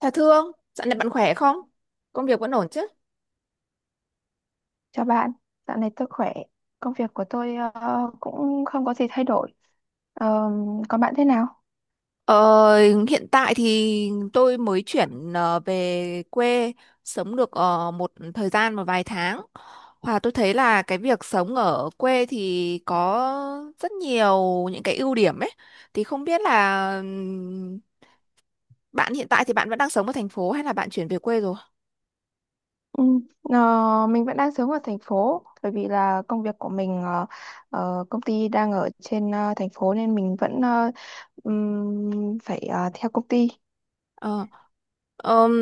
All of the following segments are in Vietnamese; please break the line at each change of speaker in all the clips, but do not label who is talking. Thà Thương, dạo này bạn khỏe không? Công việc vẫn ổn chứ?
Chào bạn, dạo này tôi khỏe. Công việc của tôi cũng không có gì thay đổi. Ờ, còn bạn thế nào?
Ờ, Hiện tại thì tôi mới chuyển về quê sống được một thời gian, một vài tháng. Và tôi thấy là cái việc sống ở quê thì có rất nhiều những cái ưu điểm ấy. Thì không biết là bạn hiện tại thì bạn vẫn đang sống ở thành phố hay là bạn chuyển về quê rồi?
Ừ, mình vẫn đang sống ở thành phố bởi vì là công việc của mình công ty đang ở trên thành phố nên mình vẫn phải theo công ty.
Ờ,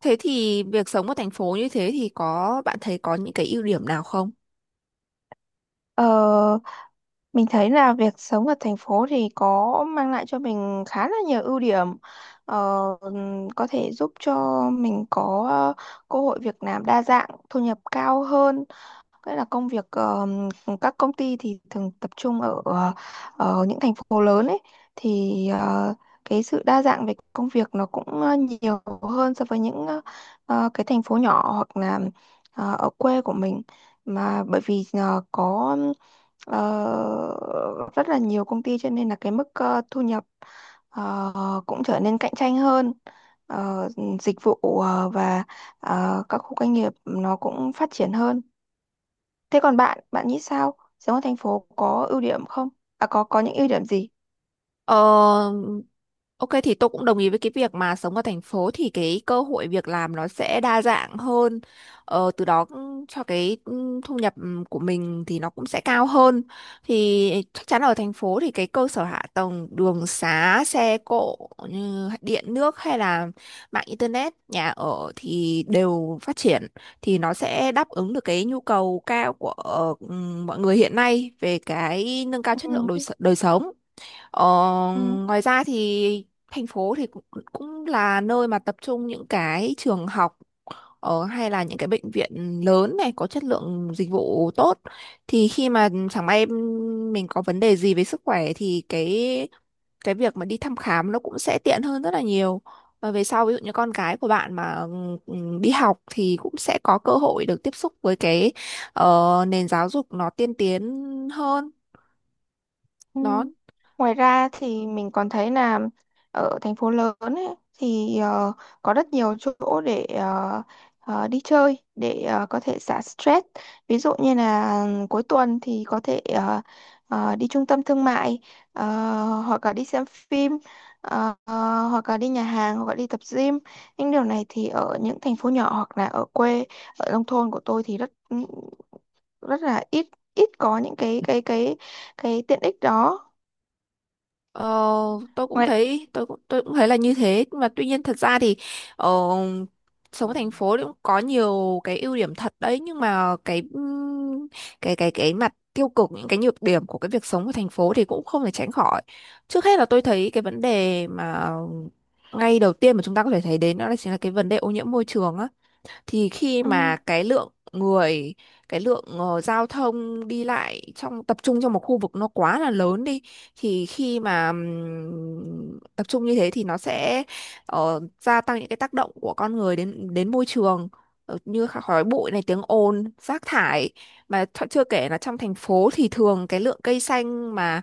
Thế thì việc sống ở thành phố như thế thì có bạn thấy có những cái ưu điểm nào không?
Ờ, Mình thấy là việc sống ở thành phố thì có mang lại cho mình khá là nhiều ưu điểm. Ờ, có thể giúp cho mình có cơ hội việc làm đa dạng, thu nhập cao hơn. Cái là công việc các công ty thì thường tập trung ở những thành phố lớn ấy thì cái sự đa dạng về công việc nó cũng nhiều hơn so với những cái thành phố nhỏ hoặc là ở quê của mình mà bởi vì có ờ, rất là nhiều công ty cho nên là cái mức thu nhập ờ, cũng trở nên cạnh tranh hơn. Ờ, dịch vụ và các khu công nghiệp nó cũng phát triển hơn. Thế còn bạn, bạn nghĩ sao? Sống ở thành phố có ưu điểm không? À, có những ưu điểm gì?
Ờ, ok, thì tôi cũng đồng ý với cái việc mà sống ở thành phố thì cái cơ hội việc làm nó sẽ đa dạng hơn. Từ đó cũng cho cái thu nhập của mình thì nó cũng sẽ cao hơn. Thì chắc chắn ở thành phố thì cái cơ sở hạ tầng đường xá, xe cộ như điện nước hay là mạng internet, nhà ở thì đều phát triển, thì nó sẽ đáp ứng được cái nhu cầu cao của ừ, mọi người hiện nay về cái nâng cao chất lượng
Ừ,
đời sống. Ờ,
ừ.
Ngoài ra thì thành phố thì cũng là nơi mà tập trung những cái trường học hay là những cái bệnh viện lớn này có chất lượng dịch vụ tốt, thì khi mà chẳng may mình có vấn đề gì về sức khỏe thì cái việc mà đi thăm khám nó cũng sẽ tiện hơn rất là nhiều. Và về sau ví dụ như con cái của bạn mà ừ, đi học thì cũng sẽ có cơ hội được tiếp xúc với cái nền giáo dục nó tiên tiến hơn
Ừ.
đó.
Ngoài ra thì mình còn thấy là ở thành phố lớn ấy, thì có rất nhiều chỗ để đi chơi để có thể xả stress. Ví dụ như là cuối tuần thì có thể đi trung tâm thương mại ờ, hoặc là đi xem phim hoặc là đi nhà hàng hoặc là đi tập gym. Những điều này thì ở những thành phố nhỏ hoặc là ở quê ở nông thôn của tôi thì rất rất là ít, ít có những cái tiện ích đó.
Ờ, tôi cũng
Ngoài
thấy tôi cũng tôi cũng thấy là như thế, nhưng mà tuy nhiên thật ra thì ờ, sống ở thành phố thì cũng có nhiều cái ưu điểm thật đấy, nhưng mà cái mặt tiêu cực, những cái nhược điểm của cái việc sống ở thành phố thì cũng không thể tránh khỏi. Trước hết là tôi thấy cái vấn đề mà ngay đầu tiên mà chúng ta có thể thấy đến, đó là chính là cái vấn đề ô nhiễm môi trường á. Thì khi
ừ,
mà cái lượng người, cái lượng giao thông đi lại, trong tập trung trong một khu vực nó quá là lớn đi, thì khi mà tập trung như thế thì nó sẽ gia tăng những cái tác động của con người đến đến môi trường. Như khói bụi này, tiếng ồn, rác thải, mà chưa kể là trong thành phố thì thường cái lượng cây xanh, mà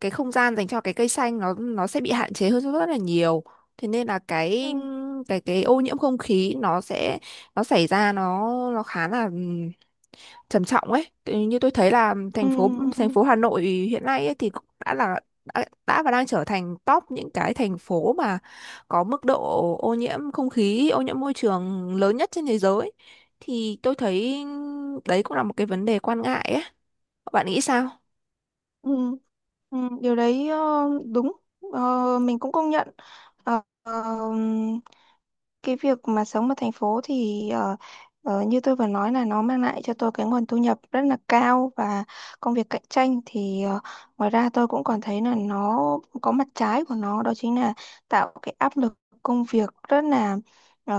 cái không gian dành cho cái cây xanh nó sẽ bị hạn chế hơn rất là nhiều. Thế nên là cái
ừ,
cái cái ô nhiễm không khí nó sẽ, nó xảy ra, nó khá là trầm trọng ấy. Như tôi thấy là
ừ,
thành phố thành
ừ,
phố Hà Nội hiện nay ấy, thì cũng đã và đang trở thành top những cái thành phố mà có mức độ ô nhiễm không khí, ô nhiễm môi trường lớn nhất trên thế giới. Thì tôi thấy đấy cũng là một cái vấn đề quan ngại ấy. Bạn nghĩ sao?
ừ, ừ, điều đấy đúng. Ờ, mình cũng công nhận. Ờ, ờ, cái việc mà sống ở thành phố thì như tôi vừa nói là nó mang lại cho tôi cái nguồn thu nhập rất là cao và công việc cạnh tranh thì ngoài ra tôi cũng còn thấy là nó có mặt trái của nó, đó chính là tạo cái áp lực công việc rất là ờ,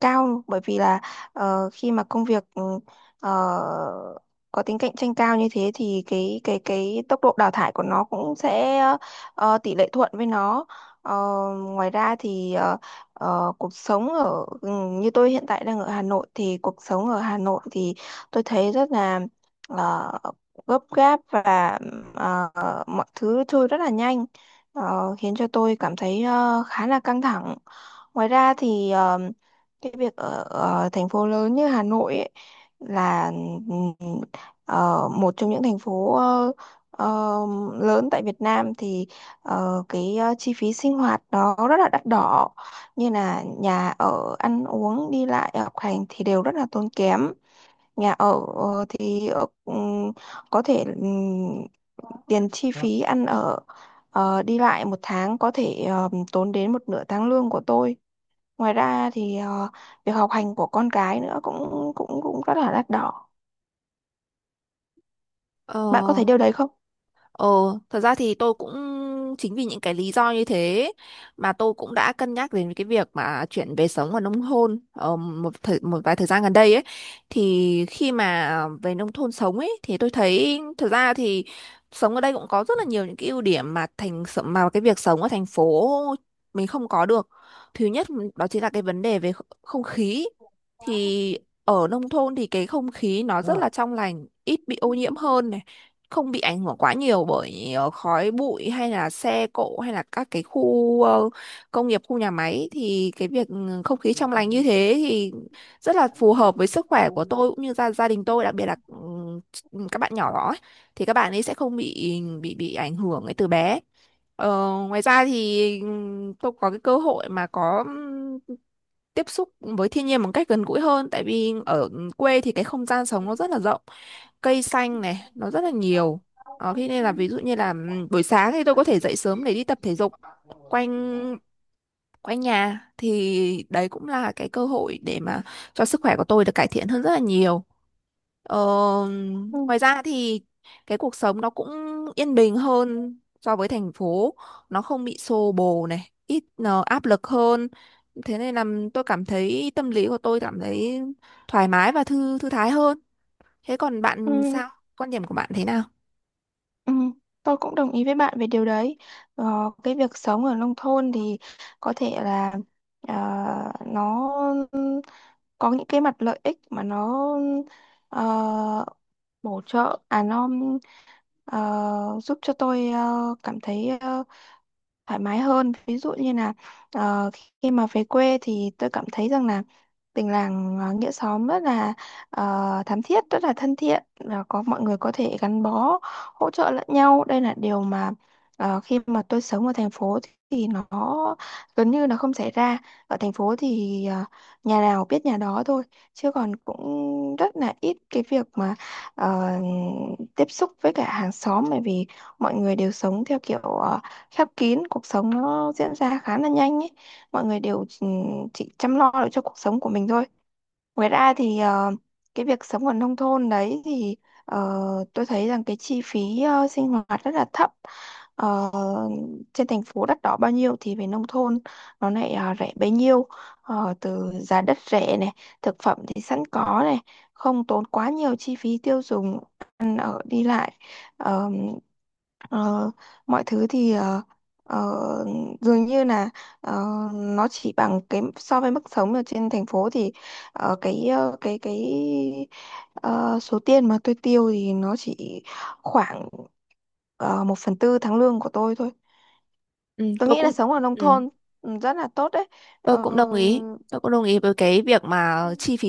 cao bởi vì là khi mà công việc ờ, có tính cạnh tranh cao như thế thì cái tốc độ đào thải của nó cũng sẽ tỷ lệ thuận với nó. Ờ, ngoài ra thì cuộc sống ở như tôi hiện tại đang ở Hà Nội thì cuộc sống ở Hà Nội thì tôi thấy rất là ờ, gấp gáp và ờ, mọi thứ trôi rất là nhanh, khiến cho tôi cảm thấy khá là căng thẳng. Ngoài ra thì cái việc ở thành phố lớn như Hà Nội ấy, là ừ, một trong những thành phố ờ, lớn tại Việt Nam thì cái chi phí sinh hoạt nó rất là đắt đỏ, như là nhà ở, ăn uống, đi lại, học hành thì đều rất là tốn kém. Nhà ở thì có thể tiền chi phí ăn ở đi lại một tháng có thể tốn đến một nửa tháng lương của tôi. Ngoài ra thì việc học hành của con cái nữa cũng cũng cũng rất là đắt đỏ.
Ờ
Bạn có thấy điều đấy không?
Ờ, Thật ra thì tôi cũng, chính vì những cái lý do như thế mà tôi cũng đã cân nhắc đến cái việc mà chuyển về sống ở nông thôn một vài thời gian gần đây ấy. Thì khi mà về nông thôn sống ấy thì tôi thấy thật ra thì sống ở đây cũng có rất là nhiều những cái ưu điểm mà cái việc sống ở thành phố mình không có được. Thứ nhất đó chính là cái vấn đề về không khí. Thì ở nông thôn thì cái không khí nó rất là trong lành, ít bị ô nhiễm hơn này, không bị ảnh hưởng quá nhiều bởi khói bụi hay là xe cộ hay là các cái khu công nghiệp, khu nhà máy. Thì cái việc không khí trong lành như thế thì rất là phù hợp với sức khỏe của tôi cũng như gia gia đình tôi, đặc biệt là các bạn nhỏ đó ấy. Thì các bạn ấy sẽ không bị ảnh hưởng ấy từ bé. Ờ, Ngoài ra thì tôi có cái cơ hội mà có tiếp xúc với thiên nhiên một cách gần gũi hơn, tại vì ở quê thì cái không gian sống nó rất là rộng, cây xanh này nó rất là nhiều. Thế nên là ví dụ như là buổi sáng thì tôi có thể dậy sớm để đi tập thể dục quanh quanh nhà, thì đấy cũng là cái cơ hội để mà cho sức khỏe của tôi được cải thiện hơn rất là nhiều. Ờ,
Ừ.
Ngoài ra thì cái cuộc sống nó cũng yên bình hơn so với thành phố, nó không bị xô bồ này, ít áp lực hơn. Thế nên là tôi cảm thấy tâm lý của tôi cảm thấy thoải mái và thư thư thái hơn. Thế còn bạn
Ừ.
sao? Quan điểm của bạn thế nào?
Ừ, tôi cũng đồng ý với bạn về điều đấy. Ờ, cái việc sống ở nông thôn thì có thể là ờ, nó có những cái mặt lợi ích mà nó ờ, bổ trợ, à nó giúp cho tôi cảm thấy thoải mái hơn. Ví dụ như là ờ, khi mà về quê thì tôi cảm thấy rằng là tình làng nghĩa xóm rất là thắm thiết, rất là thân thiện và có mọi người có thể gắn bó hỗ trợ lẫn nhau. Đây là điều mà khi mà tôi sống ở thành phố thì nó gần như là không xảy ra. Ở thành phố thì nhà nào biết nhà đó thôi, chứ còn cũng rất là ít cái việc mà ờ, tiếp xúc với cả hàng xóm, bởi vì mọi người đều sống theo kiểu khép kín, cuộc sống nó diễn ra khá là nhanh ấy. Mọi người đều chỉ chăm lo được cho cuộc sống của mình thôi. Ngoài ra thì cái việc sống ở nông thôn đấy thì ờ, tôi thấy rằng cái chi phí sinh hoạt rất là thấp. Ờ, trên thành phố đắt đỏ bao nhiêu thì về nông thôn nó lại rẻ bấy nhiêu. Ờ, từ giá đất rẻ này, thực phẩm thì sẵn có này, không tốn quá nhiều chi phí tiêu dùng, ăn ở đi lại. Ờ, ờ, mọi thứ thì ờ, dường như là ờ, nó chỉ bằng cái so với mức sống ở trên thành phố thì cái ờ, số tiền mà tôi tiêu thì nó chỉ khoảng một phần tư tháng lương của tôi thôi.
Ừ,
Tôi nghĩ là sống ở nông
ừ.
thôn rất là tốt đấy.
Tôi
Ờ,
cũng đồng ý. Tôi cũng đồng ý với cái việc mà chi phí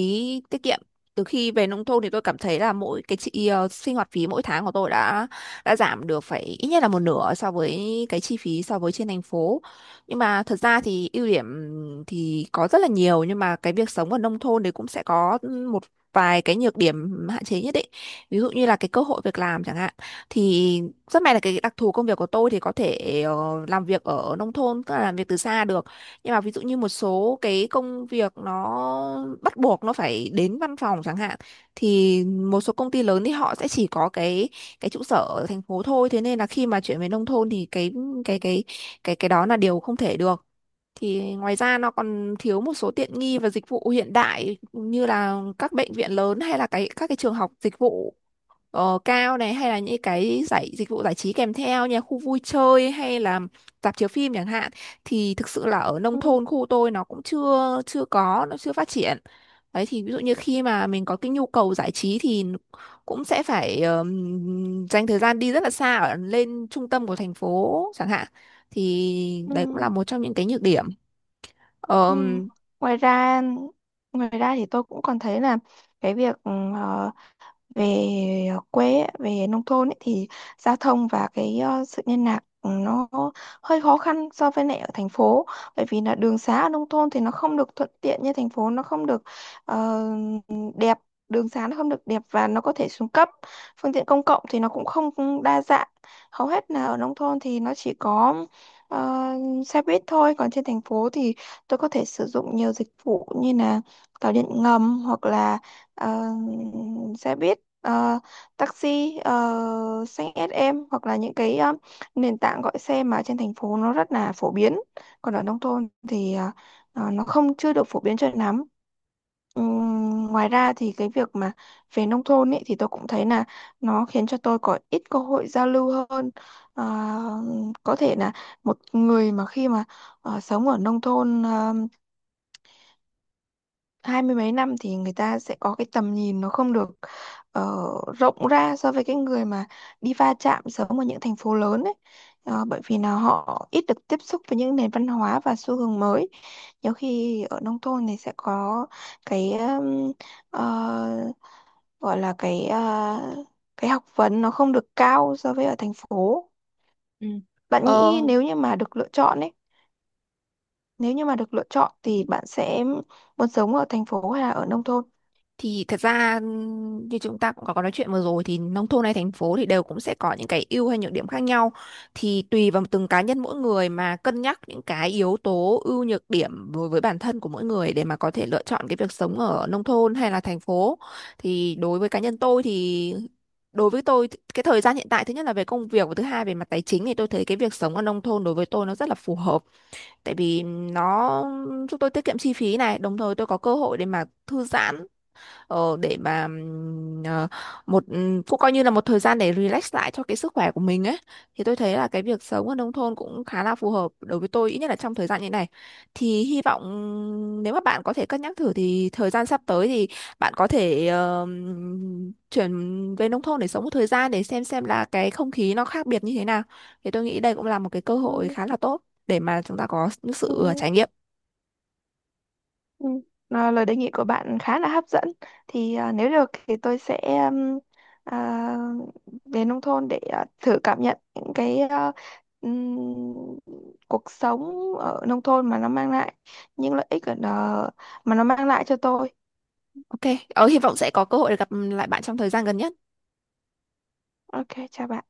tiết kiệm. Từ khi về nông thôn thì tôi cảm thấy là mỗi cái sinh hoạt phí mỗi tháng của tôi đã giảm được phải ít nhất là một nửa so với cái chi phí, so với trên thành phố. Nhưng mà thật ra thì ưu điểm thì có rất là nhiều, nhưng mà cái việc sống ở nông thôn thì cũng sẽ có một vài cái nhược điểm hạn chế nhất định. Ví dụ như là cái cơ hội việc làm chẳng hạn. Thì rất may là cái đặc thù công việc của tôi thì có thể làm việc ở nông thôn, tức là làm việc từ xa được. Nhưng mà ví dụ như một số cái công việc nó bắt buộc nó phải đến văn phòng chẳng hạn, thì một số công ty lớn thì họ sẽ chỉ có cái trụ sở ở thành phố thôi. Thế nên là khi mà chuyển về nông thôn thì cái cái cái đó là điều không thể được. Thì ngoài ra nó còn thiếu một số tiện nghi và dịch vụ hiện đại như là các bệnh viện lớn hay là các cái trường học dịch vụ cao này, hay là những cái dịch vụ giải trí kèm theo như là khu vui chơi hay là rạp chiếu phim chẳng hạn. Thì thực sự là ở nông
ừ,
thôn khu tôi nó cũng chưa chưa có, nó chưa phát triển. Đấy, thì ví dụ như khi mà mình có cái nhu cầu giải trí thì cũng sẽ phải dành thời gian đi rất là xa, ở lên trung tâm của thành phố chẳng hạn. Thì đấy cũng là
ừ,
một trong những cái nhược điểm.
ừ.
Ờm,
Ngoài ra ngoài ra thì tôi cũng còn thấy là cái việc về quê ấy, về nông thôn ấy, thì giao thông và cái sự liên lạc nó hơi khó khăn so với lại ở thành phố, bởi vì là đường xá ở nông thôn thì nó không được thuận tiện như thành phố, nó không được ờ, đẹp. Đường xá nó không được đẹp và nó có thể xuống cấp. Phương tiện công cộng thì nó cũng không đa dạng, hầu hết là ở nông thôn thì nó chỉ có ờ, xe buýt thôi, còn trên thành phố thì tôi có thể sử dụng nhiều dịch vụ như là tàu điện ngầm, hoặc là ờ, xe buýt, taxi, xanh SM hoặc là những cái nền tảng gọi xe mà trên thành phố nó rất là phổ biến, còn ở nông thôn thì nó không, chưa được phổ biến cho lắm. Ngoài ra thì cái việc mà về nông thôn ấy thì tôi cũng thấy là nó khiến cho tôi có ít cơ hội giao lưu hơn. Ờ, có thể là một người mà khi mà sống ở nông thôn 20 mấy năm thì người ta sẽ có cái tầm nhìn nó không được ờ, rộng ra so với cái người mà đi va chạm sớm ở những thành phố lớn ấy. Ờ, bởi vì là họ ít được tiếp xúc với những nền văn hóa và xu hướng mới, nhiều khi ở nông thôn thì sẽ có cái ờ, gọi là cái cái học vấn nó không được cao so với ở thành phố.
Ừ.
Bạn nghĩ
Ờ,
nếu như mà được lựa chọn ấy, nếu như mà được lựa chọn thì bạn sẽ muốn sống ở thành phố hay là ở nông thôn?
thì thật ra như chúng ta cũng có nói chuyện vừa rồi thì nông thôn hay thành phố thì đều cũng sẽ có những cái ưu hay nhược điểm khác nhau. Thì tùy vào từng cá nhân mỗi người mà cân nhắc những cái yếu tố ưu nhược điểm đối với bản thân của mỗi người để mà có thể lựa chọn cái việc sống ở nông thôn hay là thành phố. Thì đối với cá nhân tôi thì, đối với tôi thì cái thời gian hiện tại, thứ nhất là về công việc và thứ hai về mặt tài chính, thì tôi thấy cái việc sống ở nông thôn đối với tôi nó rất là phù hợp. Tại vì nó giúp tôi tiết kiệm chi phí này, đồng thời tôi có cơ hội để mà thư giãn. Ờ, để mà ờ, một Cũng coi như là một thời gian để relax lại cho cái sức khỏe của mình ấy. Thì tôi thấy là cái việc sống ở nông thôn cũng khá là phù hợp đối với tôi, ít nhất là trong thời gian như này. Thì hy vọng nếu mà bạn có thể cân nhắc thử thì thời gian sắp tới thì bạn có thể chuyển về nông thôn để sống một thời gian, để xem là cái không khí nó khác biệt như thế nào. Thì tôi nghĩ đây cũng là một cái cơ hội
Ừ,
khá là tốt để mà chúng ta có những
ừ.
sự trải nghiệm.
Ừ. À, lời đề nghị của bạn khá là hấp dẫn. Thì à, nếu được thì tôi sẽ um, à, về nông thôn để à, thử cảm nhận những cái ừm, cuộc sống ở nông thôn mà nó mang lại những lợi ích ở đó, mà nó mang lại cho tôi.
Ok, hy vọng sẽ có cơ hội để gặp lại bạn trong thời gian gần nhất.
Ok, chào bạn.